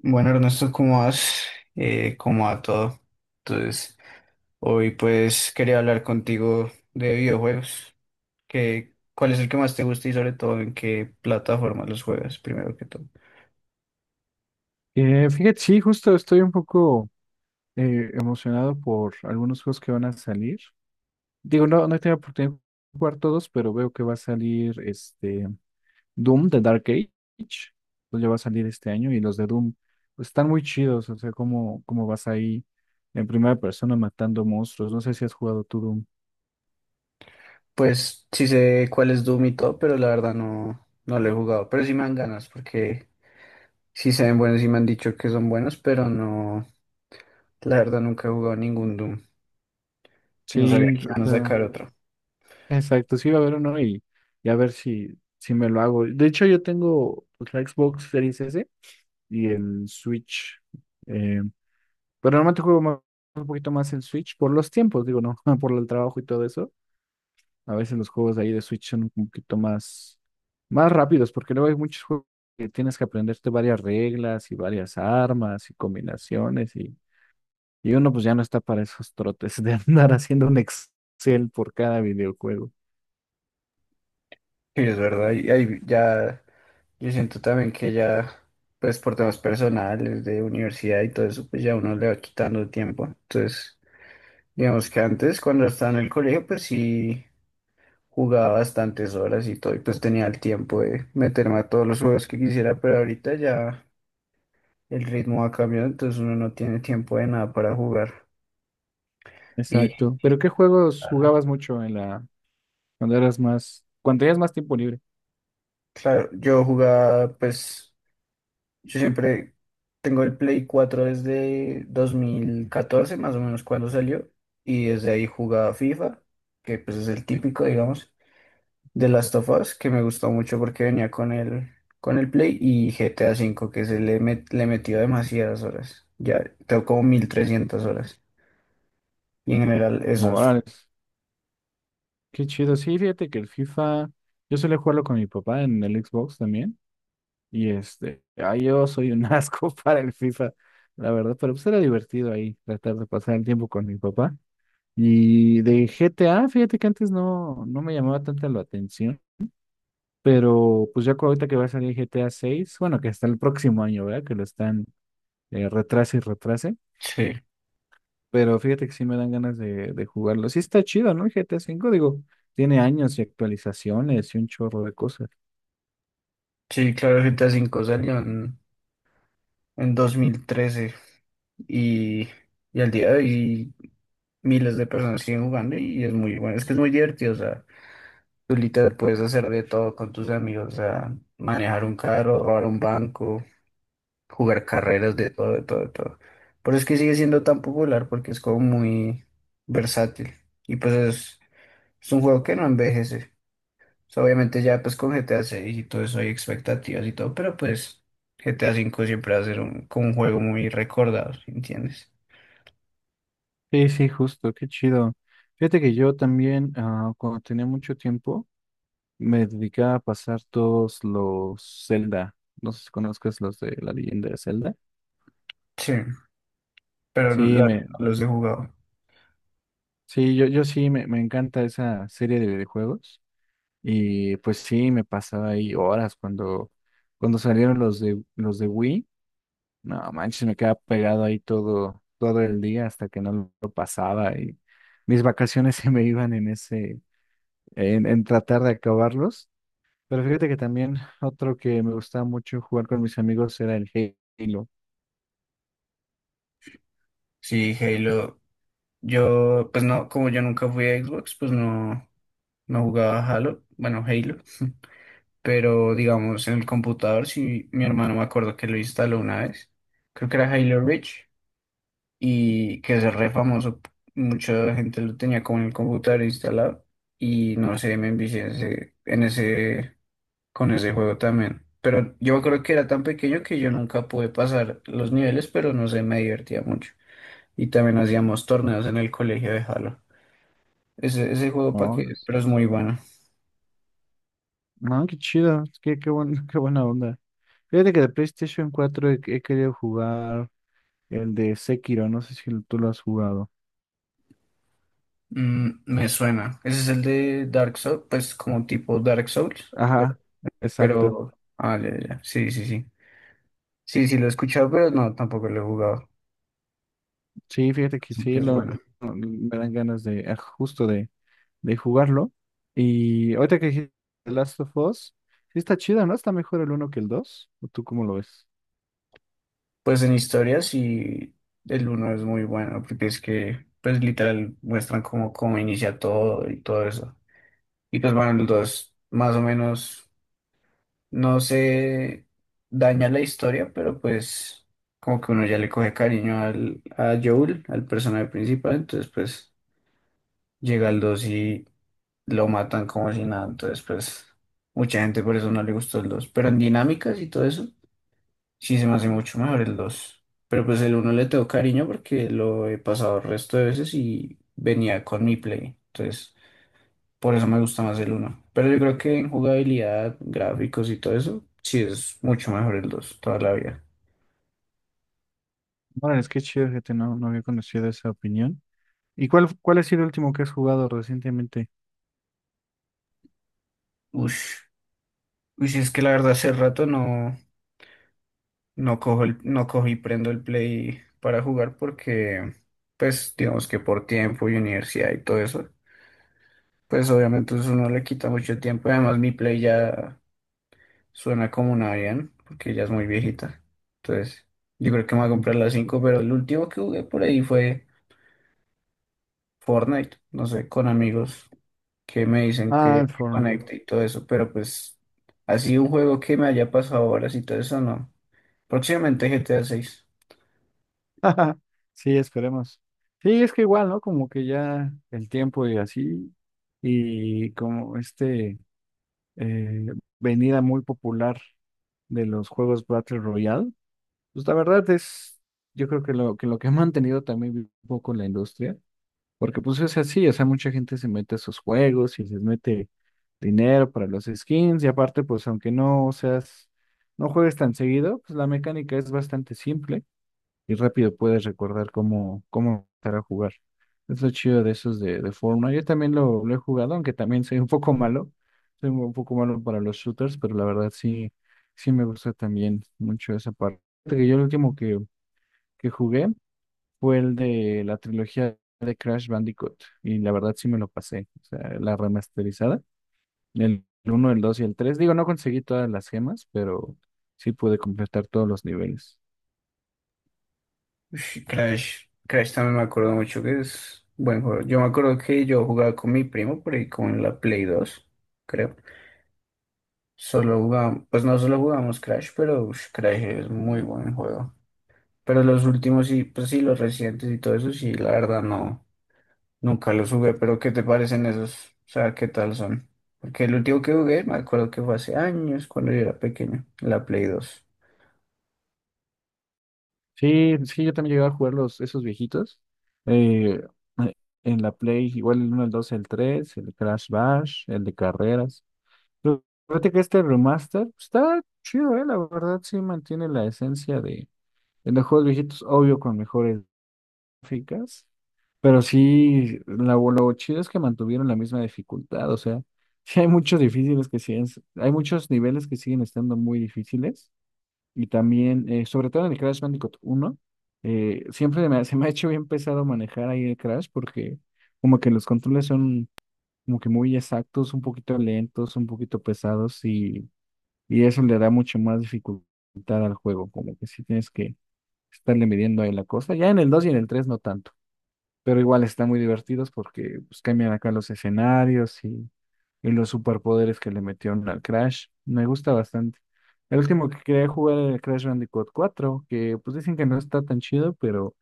Bueno, Ernesto, ¿cómo vas? ¿Cómo va todo? Entonces, hoy pues quería hablar contigo de videojuegos. ¿Cuál es el que más te gusta y sobre todo en qué plataforma los juegas, primero que todo? Fíjate, sí, justo estoy un poco emocionado por algunos juegos que van a salir. Digo, no, no he tenido oportunidad de jugar todos, pero veo que va a salir este Doom de Dark Age. Pues ya va a salir este año y los de Doom, pues, están muy chidos. O sea, cómo vas ahí en primera persona matando monstruos. No sé si has jugado tú Doom. Pues sí sé cuál es Doom y todo, pero la verdad no, no lo he jugado. Pero sí me dan ganas porque sí se ven buenos y me han dicho que son buenos, pero no, la verdad nunca he jugado ningún Doom y no sabía Sí, que o iban a sea, sacar otro. exacto, sí va a haber uno y a ver si me lo hago. De hecho, yo tengo, pues, la Xbox Series S y el Switch. Pero normalmente juego un poquito más el Switch por los tiempos, digo, no, por el trabajo y todo eso. A veces los juegos de ahí de Switch son un poquito más rápidos, porque luego hay muchos juegos que tienes que aprenderte varias reglas y varias armas y combinaciones, y uno, pues, ya no está para esos trotes de andar haciendo un Excel por cada videojuego. Sí, es verdad, y ahí ya. Yo siento también que ya, pues por temas personales, de universidad y todo eso, pues ya uno le va quitando el tiempo. Entonces, digamos que antes, cuando estaba en el colegio, pues sí jugaba bastantes horas y todo, y pues tenía el tiempo de meterme a todos los juegos que quisiera, pero ahorita ya el ritmo ha cambiado, entonces uno no tiene tiempo de nada para jugar. Y Exacto. ¿Pero qué juegos jugabas mucho cuando tenías más tiempo libre? claro, yo jugaba, pues. Yo siempre tengo el Play cuatro desde 2014 más o menos cuando salió, y desde ahí jugaba FIFA, que pues es el típico, digamos, de Last of Us, que me gustó mucho porque venía con con el Play y GTA V, que se le, le metió demasiadas horas. Ya tengo como 1300 horas. Y en general esos. Morales. Qué chido. Sí, fíjate que el FIFA, yo solía jugarlo con mi papá en el Xbox también. Y este, ay, yo soy un asco para el FIFA, la verdad, pero pues era divertido ahí tratar de pasar el tiempo con mi papá. Y de GTA, fíjate que antes no, no me llamaba tanta la atención, pero pues ya ahorita que va a salir GTA 6. Bueno, que hasta el próximo año, ¿verdad? Que lo están, retrase y retrase, Sí, pero fíjate que sí me dan ganas de jugarlo. Sí, está chido, ¿no? El GTA 5, digo, tiene años y actualizaciones y un chorro de cosas. sí, claro, GTA V salió en 2013 y, y al día de hoy, miles de personas siguen jugando y es muy bueno. Es que es muy divertido, o sea, tú literal puedes hacer de todo con tus amigos, o sea, manejar un carro, robar un banco, jugar carreras, de todo, de todo, de todo. Por eso es que sigue siendo tan popular porque es como muy versátil y es un juego que no envejece. O sea, obviamente ya pues con GTA 6 y todo eso hay expectativas y todo, pero pues GTA 5 siempre va a ser como un juego muy recordado, ¿sí entiendes? Sí, sí, justo, qué chido. Fíjate que yo también, ah, cuando tenía mucho tiempo, me dedicaba a pasar todos los Zelda. No sé si conozcas los de La Leyenda de Zelda. Sí, pero Sí, los he jugado. sí, yo sí me encanta esa serie de videojuegos. Y pues sí, me pasaba ahí horas cuando salieron los de Wii. No manches, me quedaba pegado ahí todo el día hasta que no lo pasaba. Y mis vacaciones se me iban en ese, en tratar de acabarlos. Pero fíjate que también otro que me gustaba mucho jugar con mis amigos era el Halo, Sí, Halo. Yo, pues no, como yo nunca fui a Xbox, pues no, no jugaba Halo, bueno, Halo, pero digamos en el computador, sí, mi hermano me acuerdo que lo instaló una vez, creo que era Halo Reach, y que es re famoso, mucha gente lo tenía como en el computador instalado, y no sé, me envicié en con ese juego también, pero yo creo que era tan pequeño que yo nunca pude pasar los niveles, pero no sé, me divertía mucho, y también hacíamos torneos en el colegio de Halo. Ese juego para ¿no? que, pero es muy bueno. No, qué chido, qué buena onda. Fíjate que de PlayStation 4 he querido jugar el de Sekiro, no sé si tú lo has jugado. Mm, me suena. Ese es el de Dark Souls, pues como tipo Dark Souls, pero, Ajá, exacto. pero- ah, ya, ya, ya. Sí, sí, sí. Sí, sí, lo he escuchado, pero no, tampoco lo he jugado. Sí, fíjate que Sí, que sí, es bueno. me dan ganas justo de jugarlo. Y ahorita que dijiste The Last of Us, sí está chido, ¿no? ¿Está mejor el uno que el 2, o tú cómo lo ves? Pues en historia sí, el uno es muy bueno, porque es que, pues literal, muestran cómo inicia todo y todo eso. Y pues bueno, el dos, más o menos no se daña la historia, pero pues como que uno ya le coge cariño a Joel, al personaje principal, entonces pues llega el 2 y lo matan como si nada, entonces pues mucha gente por eso no le gustó el dos, pero en dinámicas y todo eso sí se me hace mucho mejor el dos, pero pues el uno le tengo cariño porque lo he pasado el resto de veces y venía con mi play, entonces por eso me gusta más el uno. Pero yo creo que en jugabilidad, gráficos y todo eso, sí es mucho mejor el 2 toda la vida. Bueno, es que chido, fíjate, no, no había conocido esa opinión. ¿Y cuál ha sido el último que has jugado recientemente? Ush. Ush, es que la verdad hace rato no cojo no cojo y prendo el Play para jugar porque, pues, digamos que por tiempo y universidad y todo eso, pues obviamente eso no le quita mucho tiempo. Además, mi Play ya suena como una bien, porque ya es muy viejita. Entonces, yo creo que me voy a Ujú. comprar la 5, pero el último que jugué por ahí fue Fortnite, no sé, con amigos, que me dicen Ah, el que Fortnite. conecte y todo eso, pero pues así un juego que me haya pasado horas y todo eso, no. Próximamente GTA 6. Sí, esperemos. Sí, es que igual, ¿no? Como que ya el tiempo y así, y como este eh, venida muy popular de los juegos Battle Royale, pues la verdad es, yo creo que lo que ha mantenido también un poco la industria. Porque pues es así, o sea, mucha gente se mete a esos juegos y les mete dinero para los skins, y aparte, pues, aunque no seas, no juegues tan seguido, pues la mecánica es bastante simple y rápido puedes recordar cómo empezar a jugar. Es lo chido de esos de Fortnite. Yo también lo he jugado, aunque también soy un poco malo, soy un poco malo para los shooters, pero la verdad sí, sí me gusta también mucho esa parte. Fíjate que yo el último que jugué fue el de la trilogía de Crash Bandicoot. Y la verdad sí me lo pasé. O sea, la remasterizada. El uno, el 2 y el tres. Digo, no conseguí todas las gemas, pero sí pude completar todos los niveles. Crash también me acuerdo mucho que es buen juego. Yo me acuerdo que yo jugaba con mi primo por ahí con la Play 2 creo. Solo jugábamos, pues no solo jugamos Crash, pero ush, Crash es muy buen juego. Pero los últimos y pues sí, los recientes y todo eso, sí, la verdad no. Nunca los jugué, pero ¿qué te parecen esos? O sea, ¿qué tal son? Porque el último que jugué, me acuerdo que fue hace años, cuando yo era pequeño, la Play dos. Sí, sí, yo también llegué a jugar esos viejitos. eh, eh, en la Play, igual el uno, el dos, el tres, el Crash Bash, el de carreras. Pero fíjate que este remaster está chido, la verdad sí mantiene la esencia de los juegos viejitos, obvio con mejores gráficas, pero sí, lo chido es que mantuvieron la misma dificultad, o sea, sí hay muchos difíciles que siguen, hay muchos niveles que siguen estando muy difíciles, y también, sobre todo en el Crash Bandicoot uno, siempre se me ha hecho bien pesado manejar ahí el Crash, porque como que los controles son como que muy exactos, un poquito lentos, un poquito pesados, y eso le da mucho más dificultad al juego, como que sí tienes que estarle midiendo ahí la cosa, ya en el 2 y en el 3 no tanto, pero igual están muy divertidos porque, pues, cambian acá los escenarios y los superpoderes que le metieron al Crash. Me gusta bastante. El último que quería jugar era el Crash Bandicoot cuatro, que, pues, dicen que no está tan chido, pero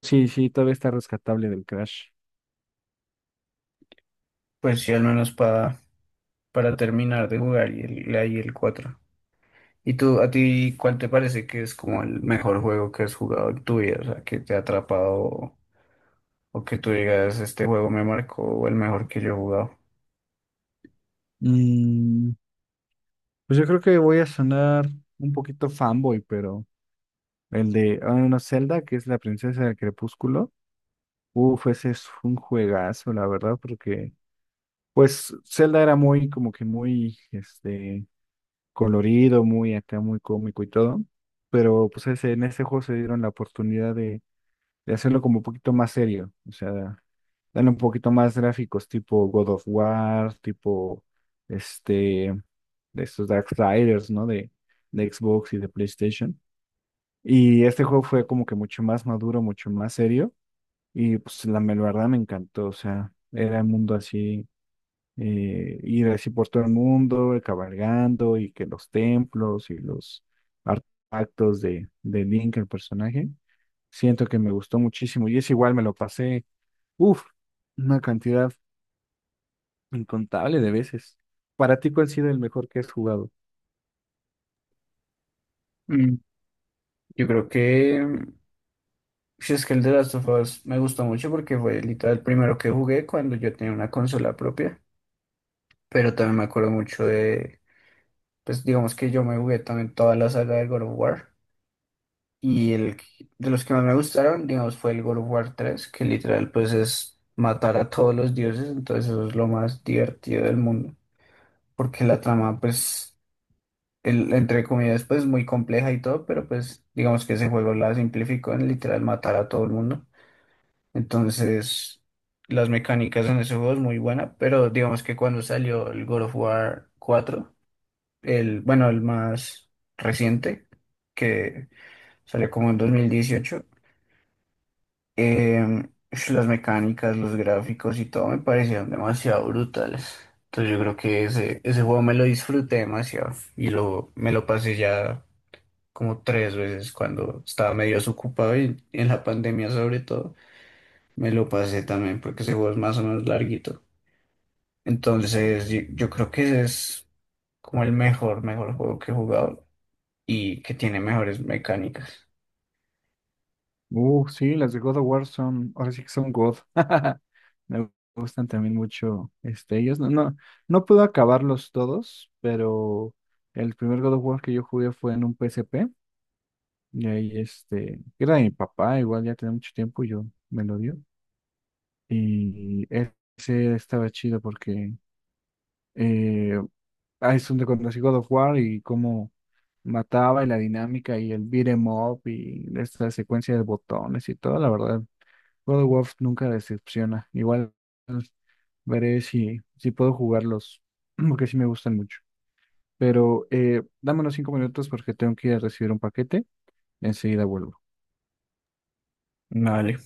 sí, sí, todavía está rescatable del Crash. Pues sí, al menos para terminar de jugar y el, ahí el cuatro. ¿Y tú, a ti, cuál te parece que es como el mejor juego que has jugado en tu vida? O sea, que te ha atrapado o que tú digas, este juego me marcó o el mejor que yo he jugado. Mm, pues yo creo que voy a sonar un poquito fanboy, pero el de no, Zelda, que es La Princesa del Crepúsculo, uf, ese es un juegazo, la verdad, porque pues Zelda era como que muy, este, colorido, muy acá, muy cómico y todo. Pero pues en ese juego se dieron la oportunidad de hacerlo como un poquito más serio. O sea, dan un poquito más gráficos, tipo God of War, tipo este, de estos Darksiders, ¿no? De Xbox y de PlayStation. Y este juego fue como que mucho más maduro, mucho más serio. Y pues la verdad me encantó. O sea, era un mundo así, ir así por todo el mundo, cabalgando y que los templos y los artefactos de Link, el personaje. Siento que me gustó muchísimo y es igual, me lo pasé, uff, una cantidad incontable de veces. Para ti, ¿cuál ha sido el mejor que has jugado? Mm, yo creo que, mm, si es que el de Last of Us me gustó mucho porque fue literal el primero que jugué cuando yo tenía una consola propia, pero también me acuerdo mucho de, pues digamos que yo me jugué también toda la saga del God of War, y de los que más me gustaron, digamos, fue el God of War tres, que literal pues es matar a todos los dioses, entonces eso es lo más divertido del mundo, porque la trama pues, el, entre comillas, pues es muy compleja y todo, pero pues digamos que ese juego la simplificó en literal matar a todo el mundo, entonces... Las mecánicas en ese juego es muy buena, pero digamos que cuando salió el God of War cuatro, bueno, el más reciente, que salió como en 2018. Las mecánicas, los gráficos y todo me parecieron demasiado brutales. Entonces yo creo que ese juego me lo disfruté demasiado y me lo pasé ya como tres veces cuando estaba medio desocupado, y en la pandemia sobre todo me lo pasé también porque ese juego es más o menos larguito. Entonces yo creo que ese es como el mejor juego que he jugado, y que tiene mejores mecánicas. Sí, las de God of War son, ahora sí que son God. Me gustan también mucho este, ellos. No, no, no puedo acabarlos todos, pero el primer God of War que yo jugué fue en un PSP. Y ahí, este, era de mi papá, igual ya tenía mucho tiempo, yo me lo dio. Y ese estaba chido porque eh, ahí es donde conocí God of War y cómo mataba y la dinámica y el beat 'em up y esta secuencia de botones y todo, la verdad. God of War nunca decepciona. Igual veré si puedo jugarlos, porque sí me gustan mucho. Pero dame unos 5 minutos porque tengo que ir a recibir un paquete. Enseguida vuelvo. Vale,